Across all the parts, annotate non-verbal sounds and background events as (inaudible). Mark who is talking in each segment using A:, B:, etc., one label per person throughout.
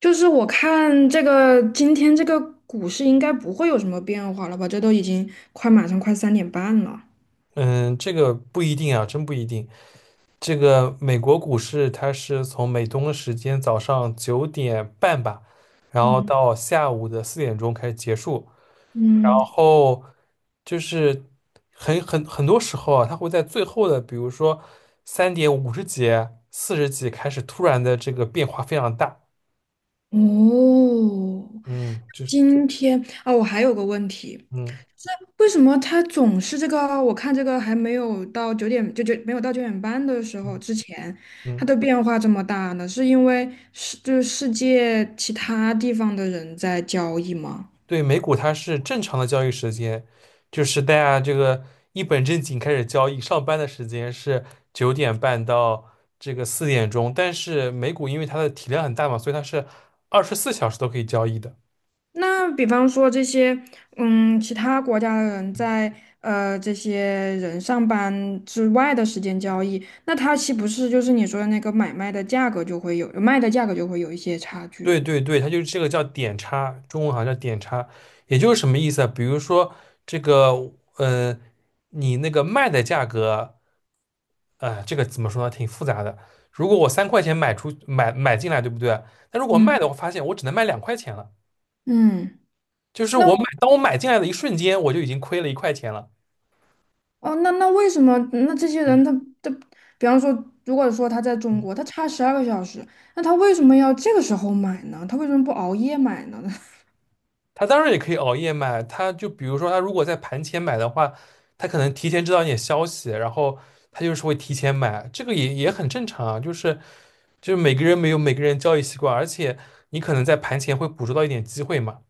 A: 就是我看这个今天这个股市应该不会有什么变化了吧？这都已经马上快3点半了。
B: 嗯，这个不一定啊，真不一定。这个美国股市它是从美东的时间早上九点半吧，然后
A: 嗯
B: 到下午的四点钟开始结束，然
A: 嗯。
B: 后就是很多时候啊，它会在最后的，比如说三点五十几、四十几开始突然的这个变化非常大。
A: 哦，
B: 嗯，就是
A: 今天啊，我还有个问题，
B: 嗯
A: 为什么它总是这个？我看这个还没有到九点，就没有到9点半的时候
B: 嗯
A: 之前，它
B: 嗯。
A: 的变化这么大呢？是因为世就是世界其他地方的人在交易吗？
B: 对，美股它是正常的交易时间，就是大家这个一本正经开始交易，上班的时间是九点半到这个四点钟，但是美股因为它的体量很大嘛，所以它是24小时都可以交易的。
A: 那比方说这些，其他国家的人在这些人上班之外的时间交易，那他岂不是就是你说的那个买卖的价格就会有，卖的价格就会有一些差距？
B: 对对对，它就是这个叫点差，中文好像叫点差，也就是什么意思啊？比如说这个，你那个卖的价格，这个怎么说呢？挺复杂的。如果我3块钱买出买买进来，对不对？那如果
A: 嗯。
B: 卖的，我发现我只能卖2块钱了，
A: 嗯，
B: 就是
A: 那为
B: 当我买进来的一瞬间，我就已经亏了1块钱了。
A: 哦，那为什么那这些
B: 嗯
A: 人他，比方说，如果说他在中
B: 嗯。
A: 国，他差12个小时，那他为什么要这个时候买呢？他为什么不熬夜买呢？(laughs)
B: 他当然也可以熬夜买，他就比如说他如果在盘前买的话，他可能提前知道一点消息，然后他就是会提前买，这个也很正常啊，就是每个人没有每个人交易习惯，而且你可能在盘前会捕捉到一点机会嘛。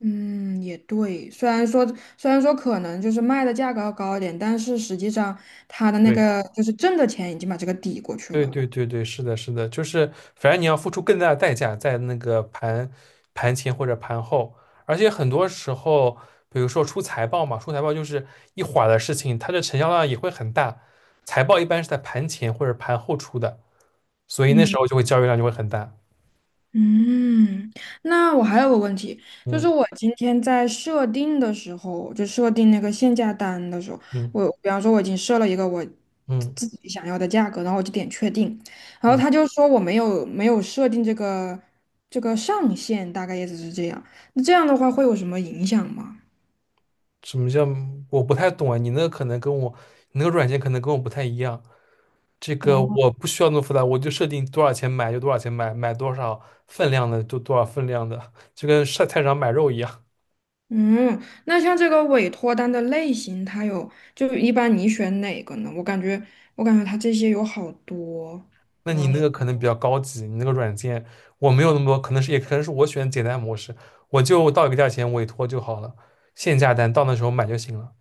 A: 嗯，也对。虽然说可能就是卖的价格要高一点，但是实际上他的那
B: 对。
A: 个就是挣的钱已经把这个抵过去
B: 对
A: 了。
B: 对对对，是的，是的，就是反正你要付出更大的代价在那个盘前或者盘后，而且很多时候，比如说出财报嘛，出财报就是一会儿的事情，它的成交量也会很大。财报一般是在盘前或者盘后出的，所以那时
A: 嗯
B: 候就会交易量就会很大。
A: 嗯，那我还有个问题，就是
B: 嗯
A: 我今天在设定的时候，就设定那个限价单的时候，
B: 嗯
A: 我比方说我已经设了一个我
B: 嗯
A: 自己想要的价格，然后我就点确定，然
B: 嗯，
A: 后他就说我没有设定这个上限，大概意思是这样。那这样的话会有什么影响吗？
B: 什么叫我不太懂啊？你那个软件可能跟我不太一样。这个我
A: 哦。
B: 不需要那么复杂，我就设定多少钱买就多少钱买，买多少分量的就多少分量的，就跟上菜市场买肉一样。
A: 嗯，那像这个委托单的类型，它有，就一般你选哪个呢？我感觉它这些有好多，
B: 那
A: 比
B: 你
A: 方
B: 那
A: 说，
B: 个可能比较高级，你那个软件我没有那么多，可能是也可能是我选简单模式，我就到一个价钱委托就好了，限价单到那时候买就行了。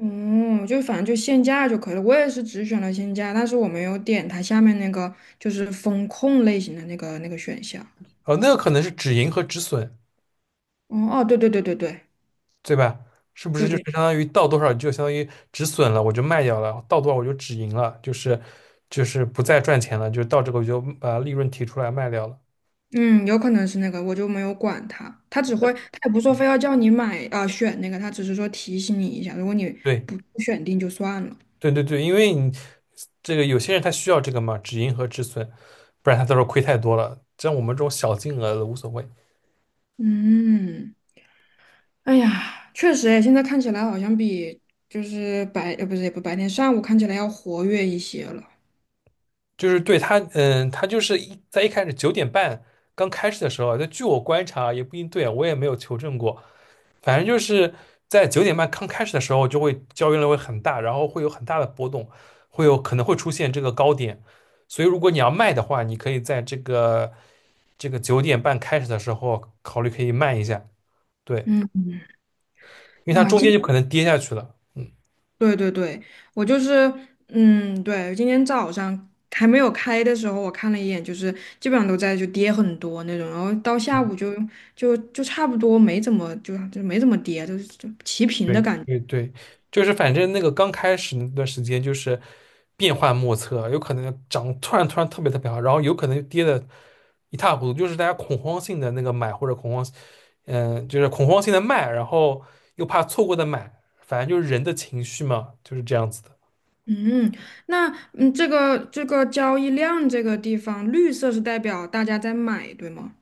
A: 嗯，就反正就限价就可以了。我也是只选了限价，但是我没有点它下面那个就是风控类型的那个选项。
B: 那个可能是止盈和止损，
A: 哦哦，对对对对对
B: 对吧？是不是
A: 对
B: 就是
A: 对。
B: 相当于到多少就相当于止损了，我就卖掉了，到多少我就止盈了，就是不再赚钱了，就到这个我就把利润提出来卖掉了。
A: 嗯，有可能是那个，我就没有管它，它只会，它也不说非要叫你买啊、选那个，它只是说提醒你一下，如果你
B: 对。
A: 不选定就算了。
B: 对对对，因为你这个有些人他需要这个嘛，止盈和止损，不然他到时候亏太多了。像我们这种小金额的无所谓，
A: 嗯。哎呀，确实诶，现在看起来好像比就是白，不是也不白天上午看起来要活跃一些了。
B: 就是对他，他就是一开始九点半刚开始的时候啊，就据我观察啊也不一定对啊我也没有求证过，反正就是在九点半刚开始的时候，就会交易量会很大，然后会有很大的波动，会有可能会出现这个高点，所以如果你要卖的话，你可以在这个九点半开始的时候考虑可以卖一下，对。
A: 嗯，
B: 因为它
A: 哇，
B: 中间就可能跌下去了。嗯，
A: 对对对，我就是，嗯，对，今天早上还没有开的时候，我看了一眼，就是基本上都在就跌很多那种，然后到下午就差不多没怎么没怎么跌，就是就齐平的
B: 对，
A: 感觉。
B: 对对，就是反正那个刚开始那段时间就是变幻莫测，有可能涨突然突然特别特别好，然后有可能就跌的一塌糊涂，就是大家恐慌性的那个买或者恐慌，就是恐慌性的卖，然后又怕错过的买，反正就是人的情绪嘛，就是这样子的。
A: 嗯，那这个交易量这个地方，绿色是代表大家在买，对吗？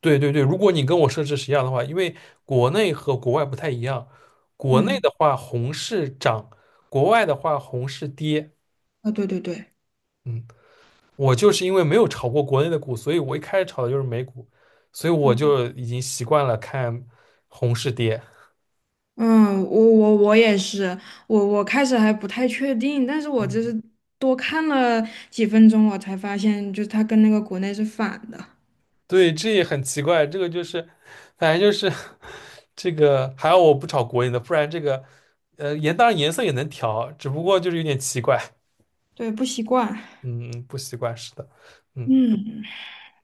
B: 对对对，如果你跟我设置是一样的话，因为国内和国外不太一样，国内
A: 嗯，
B: 的话红是涨，国外的话红是跌。
A: 啊，对对对。
B: 嗯。我就是因为没有炒过国内的股，所以我一开始炒的就是美股，所以我
A: 嗯。
B: 就已经习惯了看红是跌。
A: 嗯，我也是，我开始还不太确定，但是我
B: 嗯，
A: 就是多看了几分钟，我才发现，就是它跟那个国内是反的，
B: 对，这也很奇怪，这个就是，反正就是这个，还好我不炒国内的，不然这个，当然颜色也能调，只不过就是有点奇怪，
A: 对，不习惯。
B: 嗯，不习惯，是的，嗯。
A: 嗯，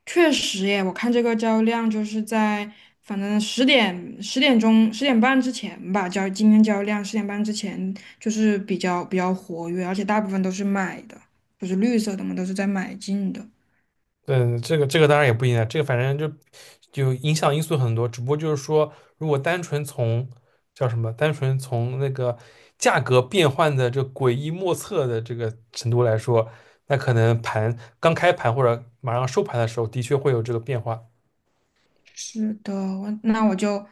A: 确实耶，我看这个交易量就是在反正十点10点钟十点半之前吧，今天交易量十点半之前就是比较活跃，而且大部分都是买的，不是绿色的嘛，都是在买进的。
B: 嗯，这个当然也不一样，这个反正就影响因素很多，只不过就是说，如果单纯从叫什么，单纯从那个价格变换的这诡异莫测的这个程度来说，那可能盘刚开盘或者马上收盘的时候，的确会有这个变化，
A: 是的，我那我就，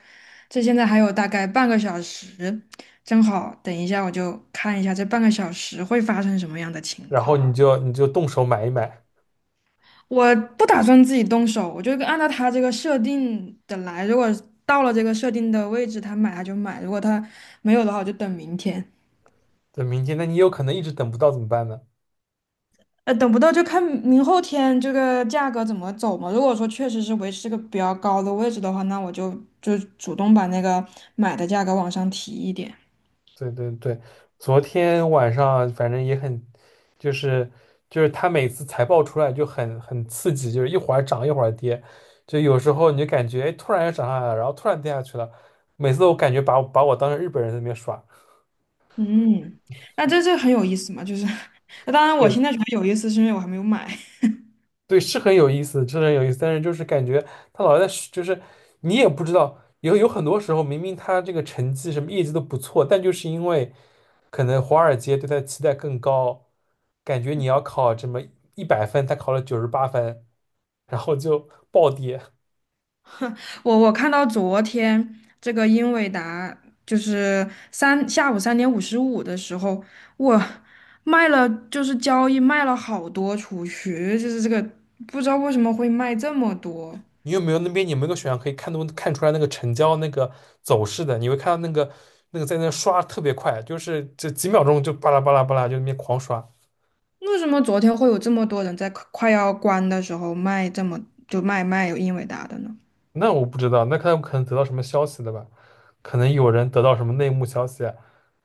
A: 这现在还有大概半个小时，正好等一下我就看一下这半个小时会发生什么样的情
B: 然后
A: 况。
B: 你就动手买一买，
A: 我不打算自己动手，我就按照他这个设定的来。如果到了这个设定的位置，他就买；如果他没有的话，我就等明天。
B: 等明天，那你有可能一直等不到怎么办呢？
A: 等不到就看明后天这个价格怎么走嘛。如果说确实是维持这个比较高的位置的话，那我就主动把那个买的价格往上提一点。
B: 对对对，昨天晚上反正也很，就是就是他每次财报出来就很刺激，就是一会儿涨一会儿跌，就有时候你就感觉哎突然又涨上来了，然后突然跌下去了，每次我感觉把我当成日本人在那边耍，
A: 嗯，那这很有意思嘛，就是，(laughs) 当然我
B: 对
A: 现在觉得有意思，是因为我还没有买。
B: 对，是很有意思，是很有意思，但是就是感觉他老在是就是你也不知道，有很多时候明明他这个成绩什么业绩都不错，但就是因为可能华尔街对他的期待更高。感觉你要考这么100分，他考了98分，然后就暴跌。
A: (laughs) 我看到昨天这个英伟达就是下午3点55的时候，我卖了，就是交易卖了好多出去，就是这个不知道为什么会卖这么多，
B: 你有没有那边有没有个选项可以看都看出来那个成交那个走势的？你会看到那个在那刷特别快，就是这几秒钟就巴拉巴拉巴拉就那边狂刷。
A: 为什么昨天会有这么多人在快要关的时候卖这么就卖有英伟达的呢？
B: 那我不知道，那看可能得到什么消息的吧？可能有人得到什么内幕消息啊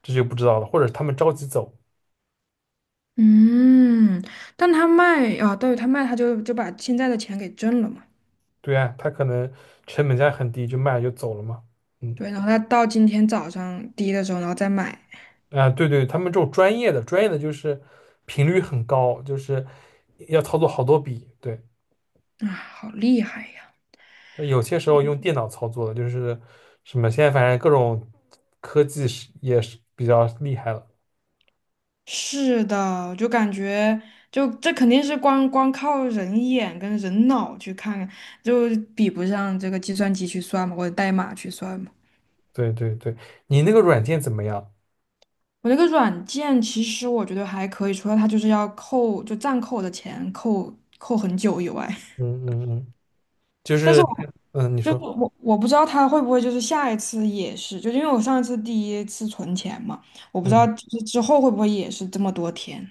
B: 这就不知道了。或者他们着急走，
A: 嗯，但他卖啊，对，他卖，他就把现在的钱给挣了嘛。
B: 对啊，他可能成本价很低就卖了就走了嘛。嗯。
A: 对，然后他到今天早上低的时候，然后再买，
B: 啊，对对，他们这种专业的，专业的就是频率很高，就是要操作好多笔。对，
A: 啊，好厉害呀！
B: 那有些时候用电脑操作的，就是什么现在反正各种科技是也是比较厉害了。
A: 是的，就感觉就这肯定是光光靠人眼跟人脑去看看，就比不上这个计算机去算嘛，或者代码去算嘛。
B: 对对对，你那个软件怎么样？
A: 我那个软件其实我觉得还可以，除了它就是要扣，就暂扣我的钱扣很久以外。(laughs)
B: 嗯嗯嗯，就
A: 但是
B: 是
A: 我。
B: 你
A: 就
B: 说
A: 我不知道他会不会就是下一次也是，就因为我上一次第一次存钱嘛，我不知道
B: 嗯
A: 就是之后会不会也是这么多天，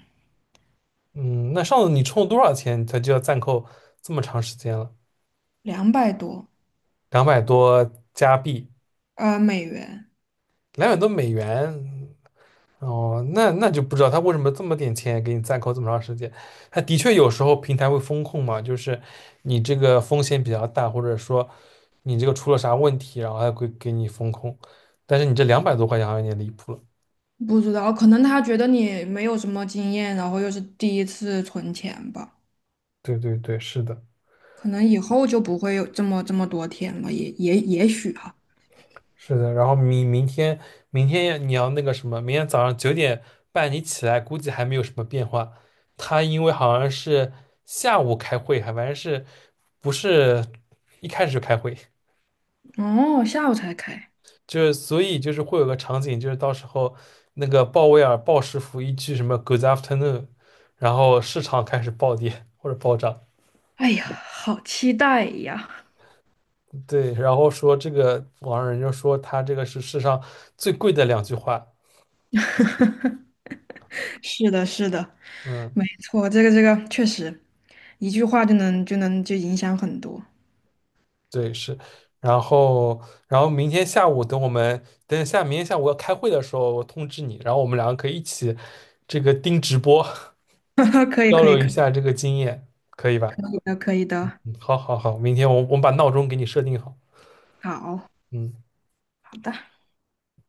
B: 嗯，那上次你充了多少钱，它就要暂扣这么长时间了？
A: 两百多
B: 两百多加币，
A: 美元，
B: 两百多美元，哦，那就不知道他为什么这么点钱给你暂扣这么长时间。他的确有时候平台会风控嘛，就是你这个风险比较大，或者说你这个出了啥问题，然后还会给你风控。但是你这200多块钱好像有点离谱了。
A: 不知道，可能他觉得你没有什么经验，然后又是第一次存钱吧，
B: 对对对，是的，
A: 可能以后就不会有这么多天了，也许哈。
B: 是的。然后明天你要那个什么，明天早上九点半你起来，估计还没有什么变化。他因为好像是下午开会，还反正是不是一开始就开会。
A: 哦，下午才开，
B: 就是所以就是会有个场景，就是到时候那个鲍威尔鲍师傅一句什么 "Good afternoon"，然后市场开始暴跌或者暴涨，
A: 哎呀，好期待呀！
B: 对，然后说这个网上人就说他这个是世上最贵的两句话，
A: (laughs) 是的，是的，
B: 嗯，
A: 没错，这个确实，一句话就能就影响很多。
B: 对是，然后然后明天下午等我们等下明天下午要开会的时候我通知你，然后我们两个可以一起这个盯直播
A: (laughs) 可以，
B: 交
A: 可
B: 流
A: 以，
B: 一
A: 可
B: 下这个经验，可以吧？
A: 以的，可以
B: 嗯，
A: 的，
B: 好好好，明天我们把闹钟给你设定好，
A: 好，
B: 嗯。
A: 好的。